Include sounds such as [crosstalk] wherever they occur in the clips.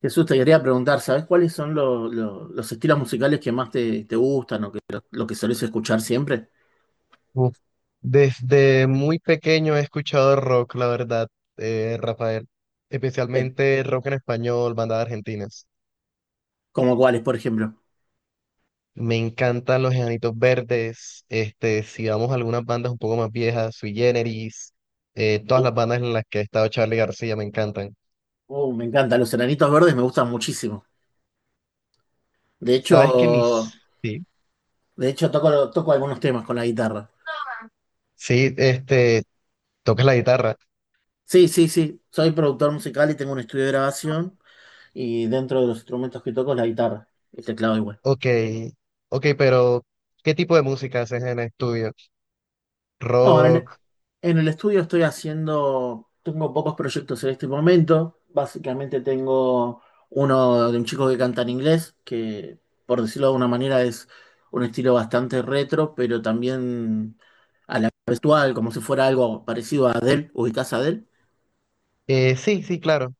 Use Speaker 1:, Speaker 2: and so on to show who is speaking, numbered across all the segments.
Speaker 1: Jesús, te quería preguntar, ¿sabes cuáles son los estilos musicales que más te gustan o que lo que solés escuchar siempre?
Speaker 2: Uf, Desde muy pequeño he escuchado rock, la verdad, Rafael.
Speaker 1: Eh,
Speaker 2: Especialmente rock en español, bandas argentinas.
Speaker 1: ¿Como cuáles, por ejemplo?
Speaker 2: Me encantan los Enanitos Verdes. Este, si vamos a algunas bandas un poco más viejas, Sui Generis, todas
Speaker 1: Uh,
Speaker 2: las bandas en las que ha estado Charly García me encantan.
Speaker 1: me encantan, los Enanitos Verdes me gustan muchísimo. De
Speaker 2: ¿Sabes que
Speaker 1: hecho,
Speaker 2: mis... Sí,
Speaker 1: de hecho toco algunos temas con la guitarra.
Speaker 2: sí, este, tocas la guitarra.
Speaker 1: Sí, sí, sí, soy productor musical y tengo un estudio de grabación y dentro de los instrumentos que toco es la guitarra, el teclado igual.
Speaker 2: Ok, ok, pero ¿qué tipo de música haces en el estudio?
Speaker 1: No,
Speaker 2: Rock.
Speaker 1: en el estudio estoy haciendo, tengo pocos proyectos en este momento. Básicamente tengo uno de un chico que canta en inglés, que por decirlo de una manera es un estilo bastante retro, pero también a la vez actual, como si fuera algo parecido a Adele, ubicás a Adele.
Speaker 2: Sí, sí, claro.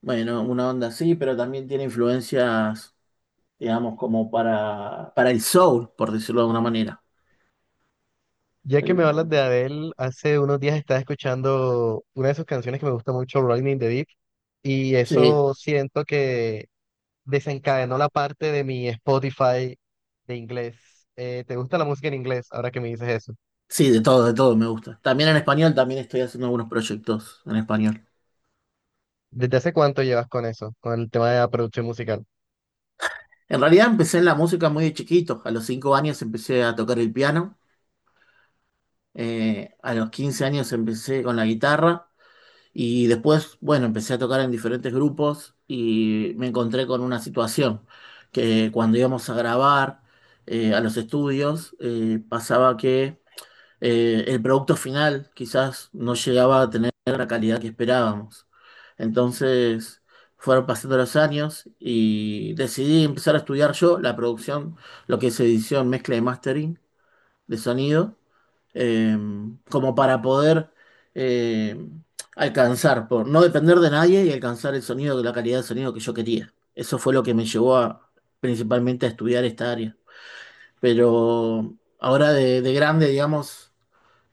Speaker 1: Bueno, una onda así, pero también tiene influencias, digamos, como para el soul, por decirlo de alguna manera.
Speaker 2: Ya que me
Speaker 1: El-
Speaker 2: hablas de Adele, hace unos días estaba escuchando una de sus canciones que me gusta mucho, Rolling in the Deep, y
Speaker 1: sí,
Speaker 2: eso siento que desencadenó la parte de mi Spotify de inglés. ¿Te gusta la música en inglés ahora que me dices eso?
Speaker 1: sí, de todo me gusta. También en español, también estoy haciendo algunos proyectos en español.
Speaker 2: ¿Desde hace cuánto llevas con eso, con el tema de la producción musical?
Speaker 1: En realidad empecé en la música muy de chiquito. A los 5 años empecé a tocar el piano. A los 15 años empecé con la guitarra. Y después, bueno, empecé a tocar en diferentes grupos y me encontré con una situación que cuando íbamos a grabar a los estudios, pasaba que el producto final quizás no llegaba a tener la calidad que esperábamos. Entonces fueron pasando los años y decidí empezar a estudiar yo la producción, lo que es edición, mezcla y mastering de sonido, eh, como para poder eh, alcanzar, por no depender de nadie y alcanzar el sonido, la calidad de sonido que yo quería. Eso fue lo que me llevó a, principalmente a estudiar esta área. Pero ahora de grande, digamos,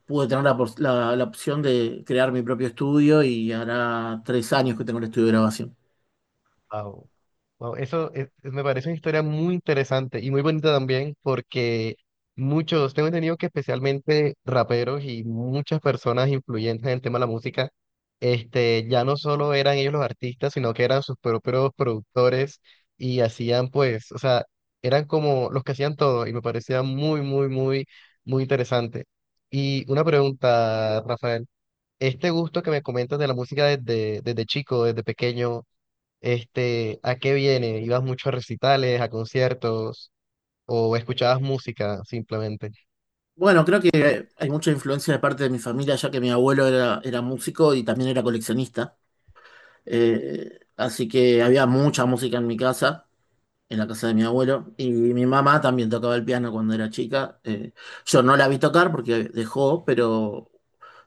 Speaker 1: pude tener la opción de crear mi propio estudio y hará 3 años que tengo el estudio de grabación.
Speaker 2: Wow. Wow, eso me parece una historia muy interesante y muy bonita también porque muchos, tengo entendido que especialmente raperos y muchas personas influyentes en el tema de la música, este, ya no solo eran ellos los artistas, sino que eran sus propios productores y hacían pues, o sea, eran como los que hacían todo y me parecía muy, muy, muy, muy interesante. Y una pregunta, Rafael, este gusto que me comentas de la música desde chico, desde pequeño. Este, ¿a qué viene? ¿Ibas mucho a recitales, a conciertos o escuchabas música simplemente?
Speaker 1: Bueno, creo que hay mucha influencia de parte de mi familia, ya que mi abuelo era músico y también era coleccionista. Así que había mucha música en mi casa, en la casa de mi abuelo. Y mi mamá también tocaba el piano cuando era chica. Yo no la vi tocar porque dejó, pero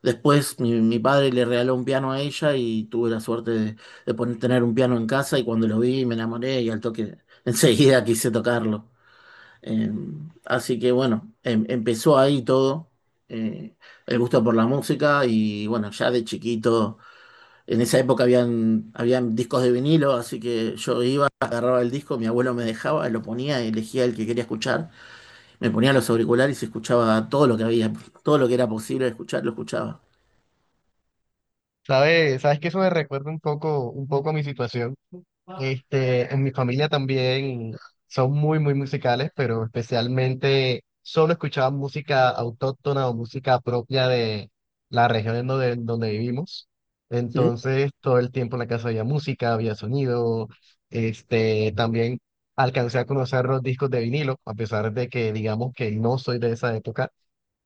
Speaker 1: después mi padre le regaló un piano a ella y tuve la suerte de poner, tener un piano en casa y cuando lo vi me enamoré y al toque [laughs] enseguida quise tocarlo. Eh, así que bueno, empezó ahí todo, eh, el gusto por la música y bueno, ya de chiquito. En esa época habían discos de vinilo, así que yo iba, agarraba el disco, mi abuelo me dejaba, lo ponía, elegía el que quería escuchar, me ponía los auriculares y escuchaba todo lo que había, todo lo que era posible escuchar, lo escuchaba.
Speaker 2: ¿Sabes? ¿Sabes que eso me recuerda un poco a mi situación? Este, en mi familia también son muy, muy musicales, pero especialmente solo escuchaban música autóctona o música propia de la región en donde vivimos.
Speaker 1: ¿Mm?
Speaker 2: Entonces, todo el tiempo en la casa había música, había sonido. Este, también alcancé a conocer los discos de vinilo, a pesar de que digamos que no soy de esa época.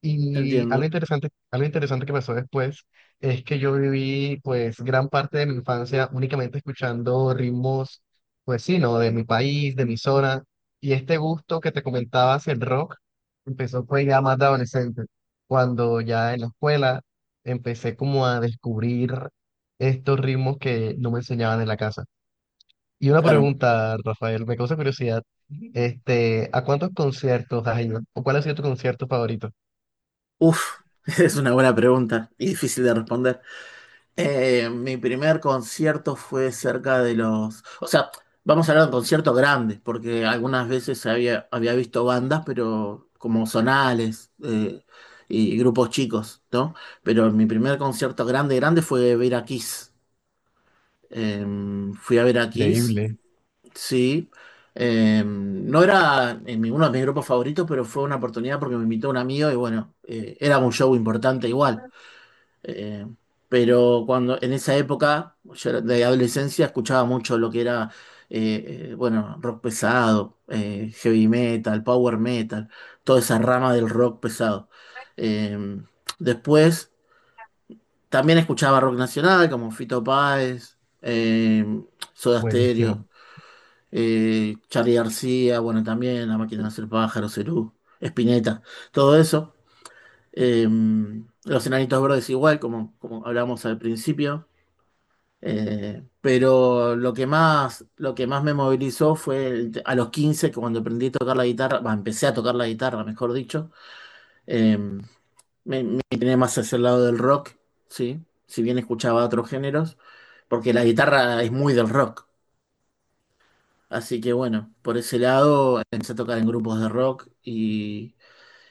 Speaker 2: Y
Speaker 1: Entiendo.
Speaker 2: algo interesante que pasó después es que yo viví pues gran parte de mi infancia únicamente escuchando ritmos, pues sí, ¿no? De mi país, de mi zona. Y este gusto que te comentaba hacia el rock empezó pues ya más de adolescente, cuando ya en la escuela empecé como a descubrir estos ritmos que no me enseñaban en la casa. Y una
Speaker 1: Claro.
Speaker 2: pregunta, Rafael, me causa curiosidad, este, ¿a cuántos conciertos has ido? ¿O cuál ha sido tu concierto favorito?
Speaker 1: Uf, [laughs] es una buena pregunta y difícil de responder. Mi primer concierto fue cerca de los, o sea, vamos a hablar de conciertos grandes, porque algunas veces había visto bandas, pero como zonales y grupos chicos, ¿no? Pero mi primer concierto grande, grande fue ver a Kiss. Eh, fui a ver a Kiss,
Speaker 2: Increíble.
Speaker 1: sí. No era en uno de mis grupos favoritos, pero fue una oportunidad porque me invitó un amigo y bueno, era un show importante igual. Eh, pero cuando en esa época, yo era de adolescencia, escuchaba mucho lo que era, bueno, rock pesado, heavy metal, power metal, toda esa rama del rock pesado. Eh, después también escuchaba rock nacional como Fito Páez, Soda
Speaker 2: Buenísimo.
Speaker 1: Stereo, Charly García, bueno, también La Máquina de Hacer Pájaros, Cerú, Spinetta, todo eso. Eh, los Enanitos Verdes igual, como, como hablamos al principio. Pero lo que más me movilizó fue a los 15 que cuando aprendí a tocar la guitarra, bah, empecé a tocar la guitarra, mejor dicho, eh, me, me incliné más hacia el lado del rock, ¿sí? Si bien escuchaba otros géneros, porque la guitarra es muy del rock. Así que bueno, por ese lado empecé a tocar en grupos de rock y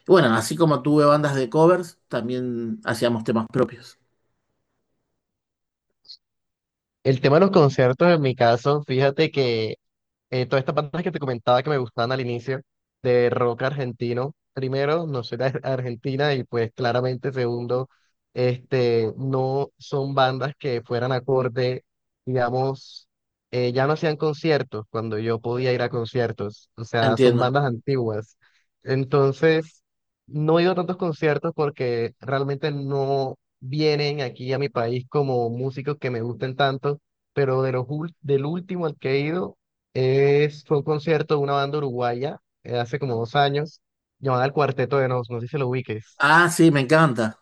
Speaker 1: bueno, así como tuve bandas de covers, también hacíamos temas propios.
Speaker 2: El tema de los conciertos, en mi caso, fíjate que todas estas bandas que te comentaba que me gustaban al inicio, de rock argentino, primero, no soy de Argentina y pues claramente segundo, este, no son bandas que fueran acorde, digamos, ya no hacían conciertos cuando yo podía ir a conciertos, o sea, son
Speaker 1: Entiendo.
Speaker 2: bandas antiguas. Entonces, no he ido a tantos conciertos porque realmente no vienen aquí a mi país como músicos que me gusten tanto, pero de los del último al que he ido es, fue un concierto de una banda uruguaya hace como 2 años, llamada El Cuarteto de Nos, no sé si lo ubiques.
Speaker 1: Ah, sí, me encanta.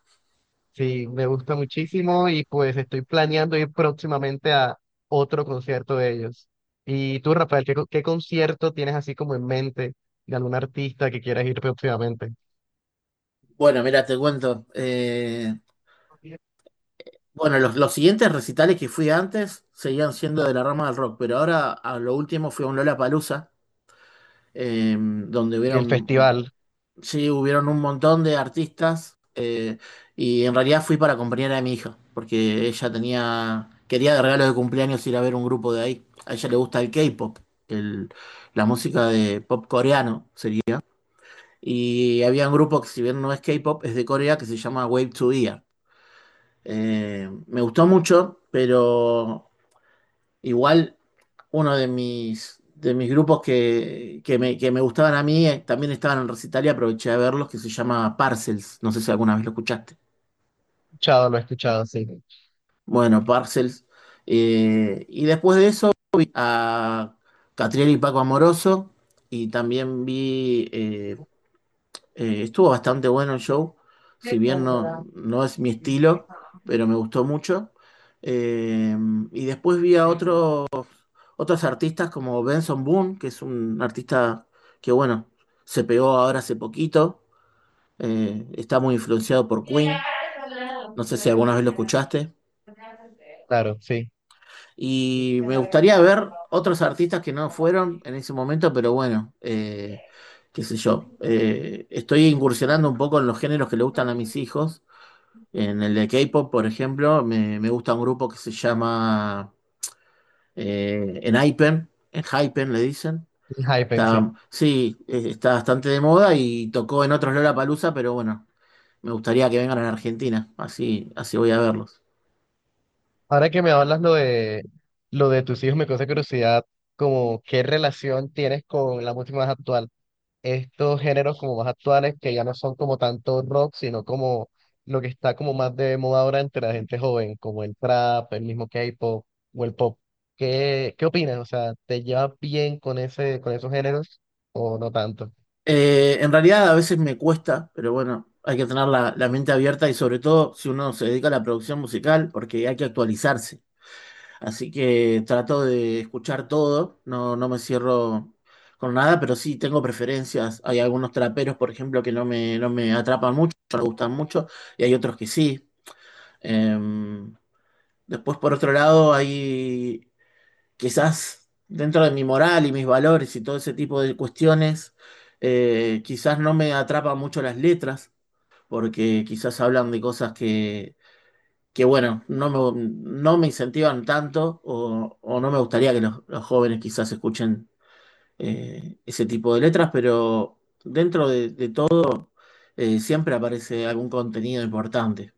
Speaker 2: Sí, me gusta muchísimo y pues estoy planeando ir próximamente a otro concierto de ellos. Y tú, Rafael, ¿qué, qué concierto tienes así como en mente de algún artista que quieras ir próximamente?
Speaker 1: Bueno, mira, te cuento. Bueno, los siguientes recitales que fui antes seguían siendo de la rama del rock, pero ahora a lo último fui a un Lollapalooza, donde
Speaker 2: El
Speaker 1: hubieron,
Speaker 2: festival,
Speaker 1: sí, hubieron un montón de artistas y en realidad fui para acompañar a mi hija, porque ella tenía, quería de regalo de cumpleaños ir a ver un grupo de ahí. A ella le gusta el K-pop, el- la música de pop coreano sería. Y había un grupo que si bien no es K-pop, es de Corea, que se llama Wave to Ear. Me gustó mucho, pero igual, uno de de mis grupos que me gustaban a mí, también estaban en recital y aproveché de verlos, que se llama Parcels. No sé si alguna vez lo escuchaste.
Speaker 2: escuchado, lo he escuchado, sí,
Speaker 1: Bueno, Parcels, y después de eso vi a Catriel y Paco Amoroso y también vi, estuvo bastante bueno el show, si bien no es mi estilo, pero me gustó mucho. Eh, y después vi a otros artistas como Benson Boone, que es un artista que, bueno, se pegó ahora hace poquito, está muy influenciado por Queen, no sé si alguna vez lo escuchaste,
Speaker 2: claro, sí.
Speaker 1: y me gustaría ver otros artistas que no fueron en ese momento, pero bueno, qué sé yo, estoy incursionando un poco en los géneros que le gustan a mis hijos, en el de K-pop, por ejemplo, me gusta un grupo que se llama Enhypen, Enhypen le dicen.
Speaker 2: El Hypen, sí.
Speaker 1: Está, sí, está bastante de moda y tocó en otros Lollapalooza, pero bueno, me gustaría que vengan a la Argentina, así, así voy a verlos.
Speaker 2: Ahora que me hablas lo de tus hijos, me causa curiosidad como qué relación tienes con la música más actual. Estos géneros como más actuales que ya no son como tanto rock, sino como lo que está como más de moda ahora entre la gente joven, como el trap, el mismo K-pop o el pop. ¿Qué, qué opinas? O sea, ¿te llevas bien con ese, con esos géneros o no tanto?
Speaker 1: En realidad a veces me cuesta, pero bueno, hay que tener la mente abierta y sobre todo si uno se dedica a la producción musical, porque hay que actualizarse. Así que trato de escuchar todo, no, no me cierro con nada, pero sí tengo preferencias. Hay algunos traperos, por ejemplo, que no me atrapan mucho, no me gustan mucho, y hay otros que sí. Eh, después, por otro lado, hay quizás dentro de mi moral y mis valores y todo ese tipo de cuestiones, quizás no me atrapan mucho las letras, porque quizás hablan de cosas que bueno, no me incentivan tanto o no me gustaría que los jóvenes quizás escuchen ese tipo de letras, pero dentro de todo siempre aparece algún contenido importante.